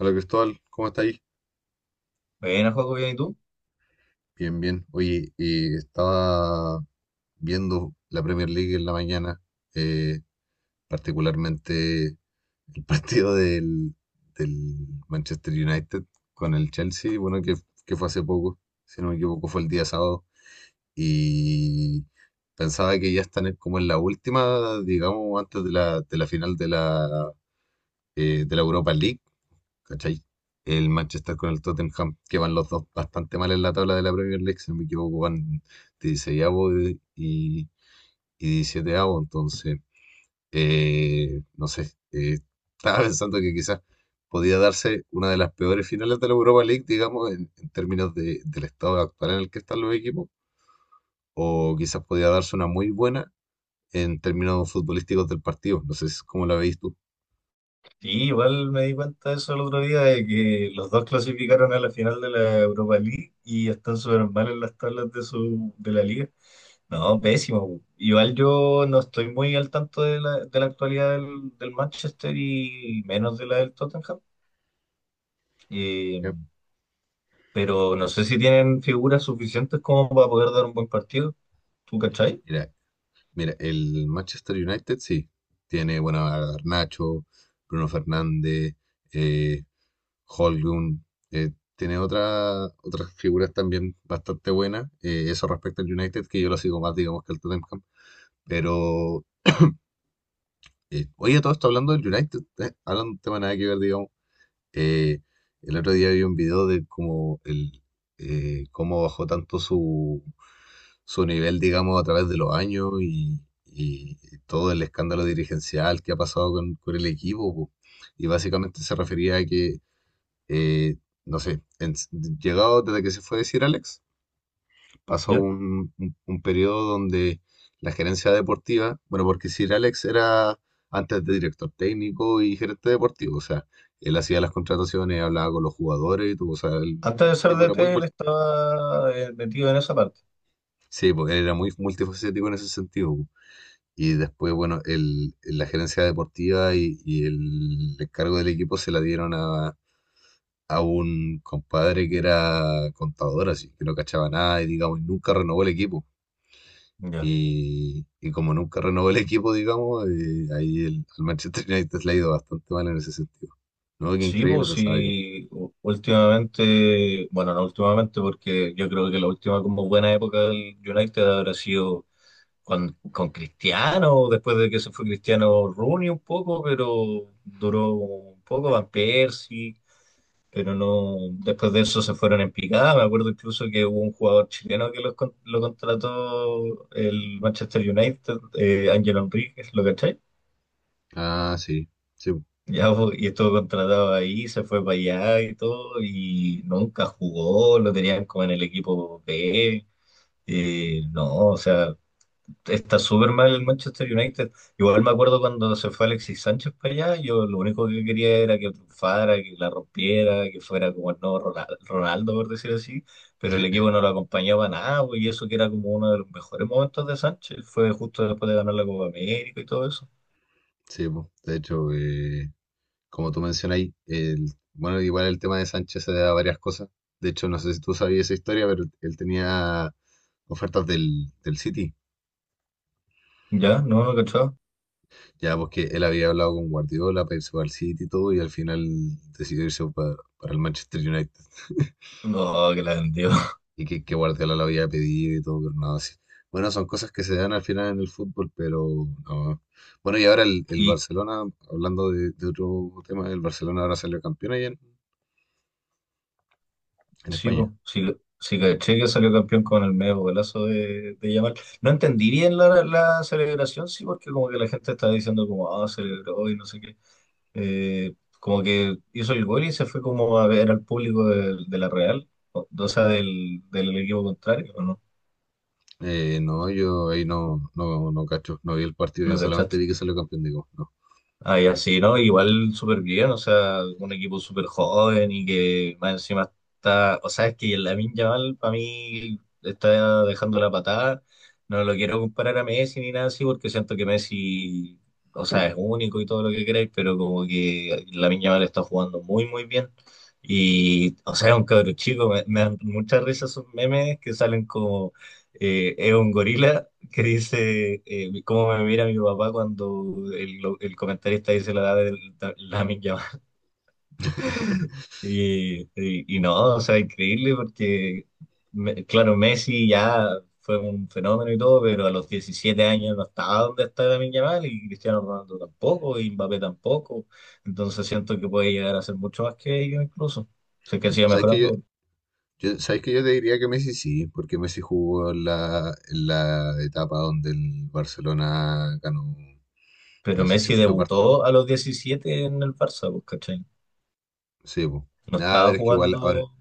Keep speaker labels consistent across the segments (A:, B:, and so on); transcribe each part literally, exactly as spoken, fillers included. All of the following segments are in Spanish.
A: Hola Cristóbal, ¿cómo está ahí?
B: Bueno, Joaco, bien, ¿y tú?
A: Bien, bien. Oye, eh, estaba viendo la Premier League en la mañana, eh, particularmente el partido del, del Manchester United con el Chelsea, bueno, que, que fue hace poco, si no me equivoco, fue el día sábado. Y pensaba que ya están en- como en la última, digamos, antes de la, de la final de la, eh, de la Europa League. ¿Cachai? El Manchester con el Tottenham, que van los dos bastante mal en la tabla de la Premier League, si no me equivoco, van dieciséis y, y diecisiete. Entonces, eh, no sé, eh, estaba pensando que quizás podía darse una de las peores finales de la Europa League, digamos, en, en términos de- del estado actual en el que están los equipos, o quizás podía darse una muy buena en términos futbolísticos del partido, no sé si- cómo la veis tú.
B: Sí, igual me di cuenta de eso el otro día, de que los dos clasificaron a la final de la Europa League y están súper mal en las tablas de su, de la liga. No, pésimo. Po. Igual yo no estoy muy al tanto de la, de la actualidad del, del Manchester y menos de la del Tottenham. Eh,
A: Yep.
B: pero no sé si tienen figuras suficientes como para poder dar un buen partido. ¿Tú cachai?
A: Mira, Mira, el Manchester United sí. Tiene, bueno, a Garnacho, Bruno Fernández, eh, Højlund, eh, tiene otra, otras figuras también bastante buenas. Eh, eso respecto al United, que yo lo sigo más, digamos, que al Tottenham. Pero, eh, oye, todo esto hablando del United, eh, hablando de un tema nada que ver, digamos. eh, el otro día vi un video de cómo, el, eh, cómo bajó tanto su, su nivel, digamos, a través de los años y, y todo el escándalo dirigencial que ha pasado con, con el equipo, po. Y básicamente se refería a que, eh, no sé, en- llegado desde que se fue decir Alex, pasó
B: ¿Ya?
A: un, un, un periodo donde la gerencia deportiva, bueno, porque Sir Alex era antes de director técnico y gerente deportivo, o sea, él hacía las contrataciones, hablaba con los jugadores, y todo, o sea, el
B: Antes de ser
A: tipo era muy,
B: D T, él
A: mul-
B: estaba eh, metido en esa parte.
A: sí, pues, era muy multifacético en ese sentido. Y después, bueno, el, la gerencia deportiva y, y el encargo del equipo se la dieron a, a un compadre que era contador, así que no cachaba nada y, digamos, nunca renovó el equipo.
B: Ya.
A: Y, y como nunca renovó el equipo, digamos, eh, ahí el, al Manchester United le ha ido bastante mal en ese sentido. No, qué
B: Sí,
A: increíble,
B: pues
A: pensaba yo.
B: sí, u- últimamente, bueno, no últimamente, porque yo creo que la última como buena época del United habrá sido con, con Cristiano, después de que se fue Cristiano Rooney un poco, pero duró un poco Van Persie, pero no, después de eso se fueron en picada. Me acuerdo incluso que hubo un jugador chileno que los con- lo contrató el Manchester United, eh, Ángel Enríquez, ¿lo cachai?
A: Ah, sí, sí, po,
B: Ya, po, y estuvo contratado ahí, se fue para allá y todo, y nunca jugó, lo tenían como en el equipo B. Eh, no, o sea, está súper mal el Manchester United. Igual me acuerdo cuando se fue Alexis Sánchez para allá, yo lo único que quería era que triunfara, que la rompiera, que fuera como el nuevo Rona- Ronaldo, por decir así, pero el equipo no lo acompañaba nada, po, y eso que era como uno de los mejores momentos de Sánchez, fue justo después de ganar la Copa América y todo eso.
A: sí, po. De hecho, eh, como tú mencionas, el, bueno, igual el tema de Sánchez se da a varias cosas. De hecho, no sé si tú sabías esa historia, pero él tenía ofertas del, del City.
B: Ya, no, no cachaba.
A: Ya, porque él había hablado con Guardiola para irse para el City y todo, y al final decidió irse pa- para el Manchester United.
B: No, que la vendió.
A: Y que, que Guardiola lo había pedido y todo, pero nada así. Bueno, son cosas que se dan al final en el fútbol, pero no. Bueno, y ahora el, el
B: ¿Y,
A: Barcelona, hablando de, de otro tema, el Barcelona ahora salió campeón allá en en
B: sí,
A: España.
B: po. Sí, sí caché que salió campeón con el medio golazo de, de Yamal. No entendí bien la, la celebración, sí, porque como que la gente estaba diciendo como, ah, celebró y no sé qué. Eh, Como que hizo el gol y se fue como a ver al público de, de la Real, o, o sea, del, del equipo contrario, ¿o ¿no?
A: Eh, no, yo ahí no, no, no cacho, no vi el partido,
B: ¿No
A: yo solamente
B: cachaste?
A: vi que salió campeón, digo, no.
B: Ahí así, ¿no? Igual súper bien, o sea, un equipo súper joven y que más encima está, o sea, es que el Lamine Yamal para mí está dejando la patada, no lo quiero comparar a Messi ni nada así porque siento que Messi, o sea, es único y todo lo que queráis, pero como que Lamine Yamal está jugando muy, muy bien y, o sea, es un cabro chico, me, me dan mucha risa esos memes que salen como, eh, es un gorila que dice eh, cómo me mira mi papá cuando el, lo- el comentarista dice la edad de la, Lamine Yamal. Y, y, y no, o sea, increíble porque, me- claro, Messi ya fue un fenómeno y todo, pero a los diecisiete años no estaba donde está Lamine Yamal y Cristiano Ronaldo tampoco y Mbappé tampoco. Entonces siento que puede llegar a ser mucho más que ellos incluso. Sé que sigue
A: ¿Sabes que yo,
B: mejorando.
A: yo- sabes que yo te diría que Messi sí? Porque Messi jugó en la, en la etapa donde el Barcelona ganó,
B: Pero
A: no sé si
B: Messi
A: fue parte,
B: debutó a los diecisiete en el Barça, pues, ¿cachai?
A: sí, po.
B: No
A: Nada,
B: estaba
A: pero es que igual ahora,
B: jugando.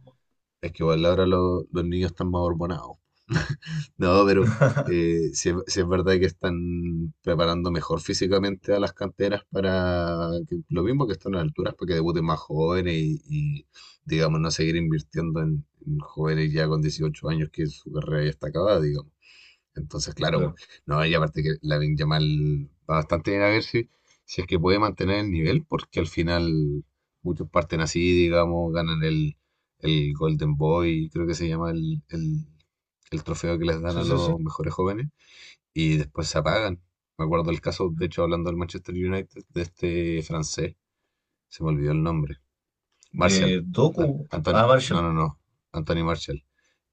A: es que igual ahora lo- los niños están más hormonados. No, pero eh, sí, es sí es verdad que están preparando mejor físicamente a las canteras para que- lo mismo que están a alturas, para que debuten más jóvenes y, y, digamos, no seguir invirtiendo en, en jóvenes ya con dieciocho años que su carrera ya está acabada, digamos. Entonces, claro, po.
B: Claro.
A: No, y aparte que Lamine Yamal va bastante bien, a ver si, si es que puede mantener el nivel, porque al final muchos parten así, digamos, ganan el, el Golden Boy, creo que se llama el, el, el trofeo que les dan
B: Sí,
A: a
B: sí, sí.
A: los mejores jóvenes, y después se apagan. Me acuerdo el caso, de hecho, hablando del Manchester United, de este francés, se me olvidó el nombre, Martial,
B: Eh,
A: An-
B: Doku, ah,
A: Anton,
B: Marshall,
A: no, no, no, Anthony Martial,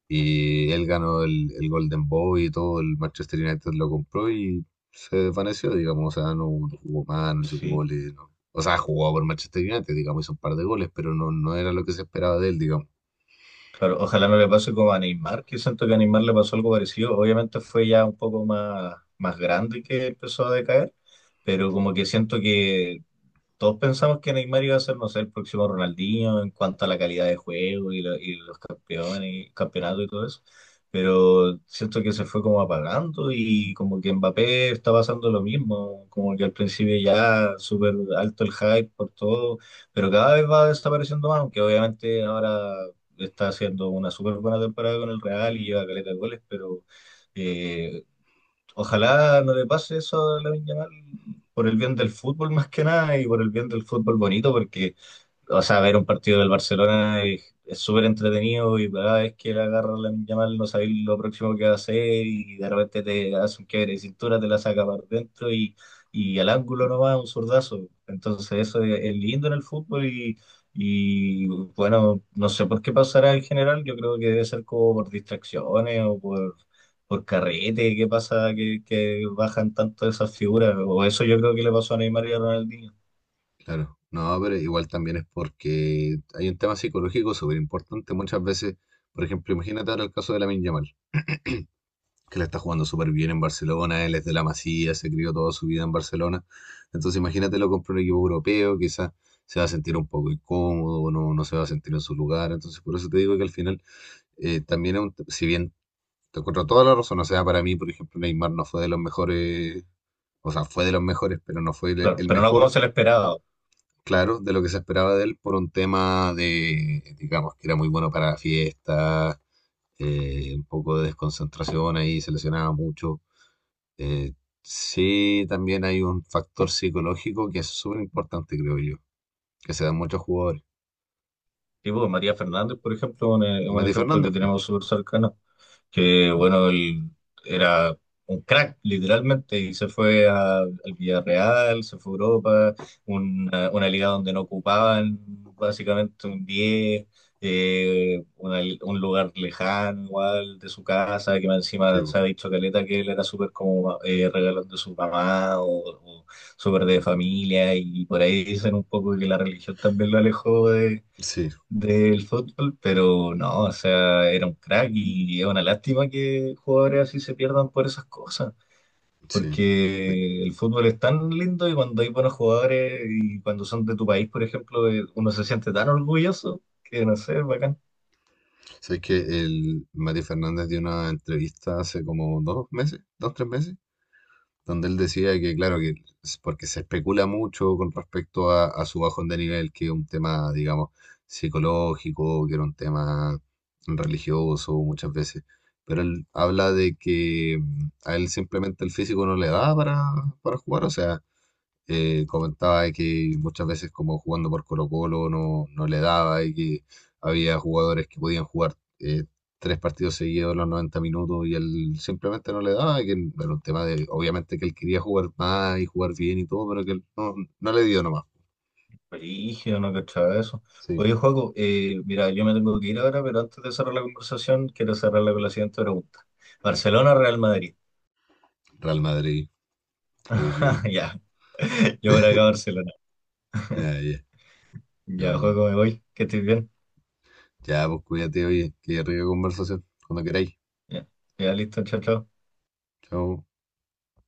A: y él ganó el, el Golden Boy y todo, el Manchester United lo compró y se desvaneció, digamos, o sea, no, no jugó más, no hizo
B: sí,
A: goles, no. O sea, jugó por Manchester United, digamos, hizo un par de goles, pero no, no era lo que se esperaba de él, digamos.
B: claro. Ojalá no le pase como a Neymar, que siento que a Neymar le pasó algo parecido. Obviamente fue ya un poco más, más grande que empezó a decaer, pero como que siento que todos pensamos que Neymar iba a ser, no sé, el próximo Ronaldinho en cuanto a la calidad de juego y, lo- y los campeones, y campeonatos y todo eso, pero siento que se fue como apagando y como que Mbappé está pasando lo mismo, como que al principio ya súper alto el hype por todo, pero cada vez va desapareciendo más, aunque obviamente ahora está haciendo una súper buena temporada con el Real y lleva caleta de goles, pero... eh, ojalá no le pase eso a Lamine Yamal por el bien del fútbol más que nada y por el bien del fútbol bonito, porque o sea, ver un partido del Barcelona es es súper entretenido y cada vez que le agarra la Yamal no sabes lo próximo que va a hacer y de repente te hace un quiebre de cintura, te la saca para dentro y, y al ángulo no va un zurdazo. Entonces eso es, es lindo en el fútbol y, y bueno, no sé por qué pasará en general, yo creo que debe ser como por distracciones o por, por carrete, qué pasa que, que bajan tanto esas figuras, o eso yo creo que le pasó a Neymar y a Ronaldinho.
A: Claro, no, pero igual también es porque hay un tema psicológico súper importante muchas veces. Por ejemplo, imagínate ahora el caso de Lamine Yamal, que la está jugando súper bien en Barcelona, él es de la Masía, se crió toda su vida en Barcelona. Entonces imagínate lo compra un equipo europeo, quizás se va a sentir un poco incómodo, no, no se va a sentir en su lugar. Entonces por eso te digo que al final eh, también, es un- si bien te encuentro toda la razón, o sea, para mí, por ejemplo, Neymar no fue de los mejores, o sea, fue de los mejores, pero no fue el
B: Claro,
A: el
B: pero no como
A: mejor.
B: se le esperaba.
A: Claro, de lo que se esperaba de él por un tema de, digamos, que era muy bueno para fiestas, eh, un poco de desconcentración ahí, se lesionaba mucho. Eh, sí, también hay un factor psicológico que es súper importante, creo yo, que se dan muchos jugadores.
B: Sí, pues, María Fernández, por ejemplo, un, e- un
A: Mati
B: ejemplo que
A: Fernández, pu,
B: tenemos súper cercano, que
A: claro,
B: bueno, él era un crack, literalmente, y se fue a- al Villarreal, se fue a Europa, una, una liga donde no ocupaban básicamente un diez, eh, una- un lugar lejano igual de su casa, que más
A: sí,
B: encima
A: pu,
B: se ha dicho caleta que él era súper como eh, regalón de su mamá o, o súper de familia, y por ahí dicen un poco que la religión también lo alejó
A: sí,
B: del fútbol, pero no, o sea, era un crack y es una lástima que jugadores así se pierdan por esas cosas,
A: sí. Oye,
B: porque el fútbol es tan lindo y cuando hay buenos jugadores y cuando son de tu país, por ejemplo, eh, uno se siente tan orgulloso que no sé, es bacán.
A: ¿sabes que el Mati Fernández dio una entrevista hace como dos meses, dos, tres meses? Donde él decía que, claro, que es porque se especula mucho con respecto a, a su bajón de nivel, que es un tema, digamos, psicológico, que era un tema religioso muchas veces, pero él habla de que mm, a él simplemente el físico no le da para, para jugar, o sea, eh, comentaba de que muchas veces como jugando por Colo-Colo no, no le daba, y que había jugadores que podían jugar eh, tres partidos seguidos los noventa minutos y él simplemente no le daba, y que era un tema de, obviamente que él quería jugar más y jugar bien y todo, pero que él no, no le dio nomás.
B: Brígido, no cachaba eso.
A: Sí,
B: Oye, Joaco, eh, mira, yo me tengo que ir ahora, pero antes de cerrar la conversación, quiero cerrarla con la siguiente pregunta. ¿Barcelona o Real Madrid?
A: Real Madrid, obvio.
B: Ya, yo por acá Barcelona.
A: Ah, ya,
B: Ya,
A: no,
B: Joaco, me voy, que estés bien.
A: ya, pues cuídate, oye, que rica conversación, cuando queráis.
B: Ya, ya listo, chao, chao.
A: Chao.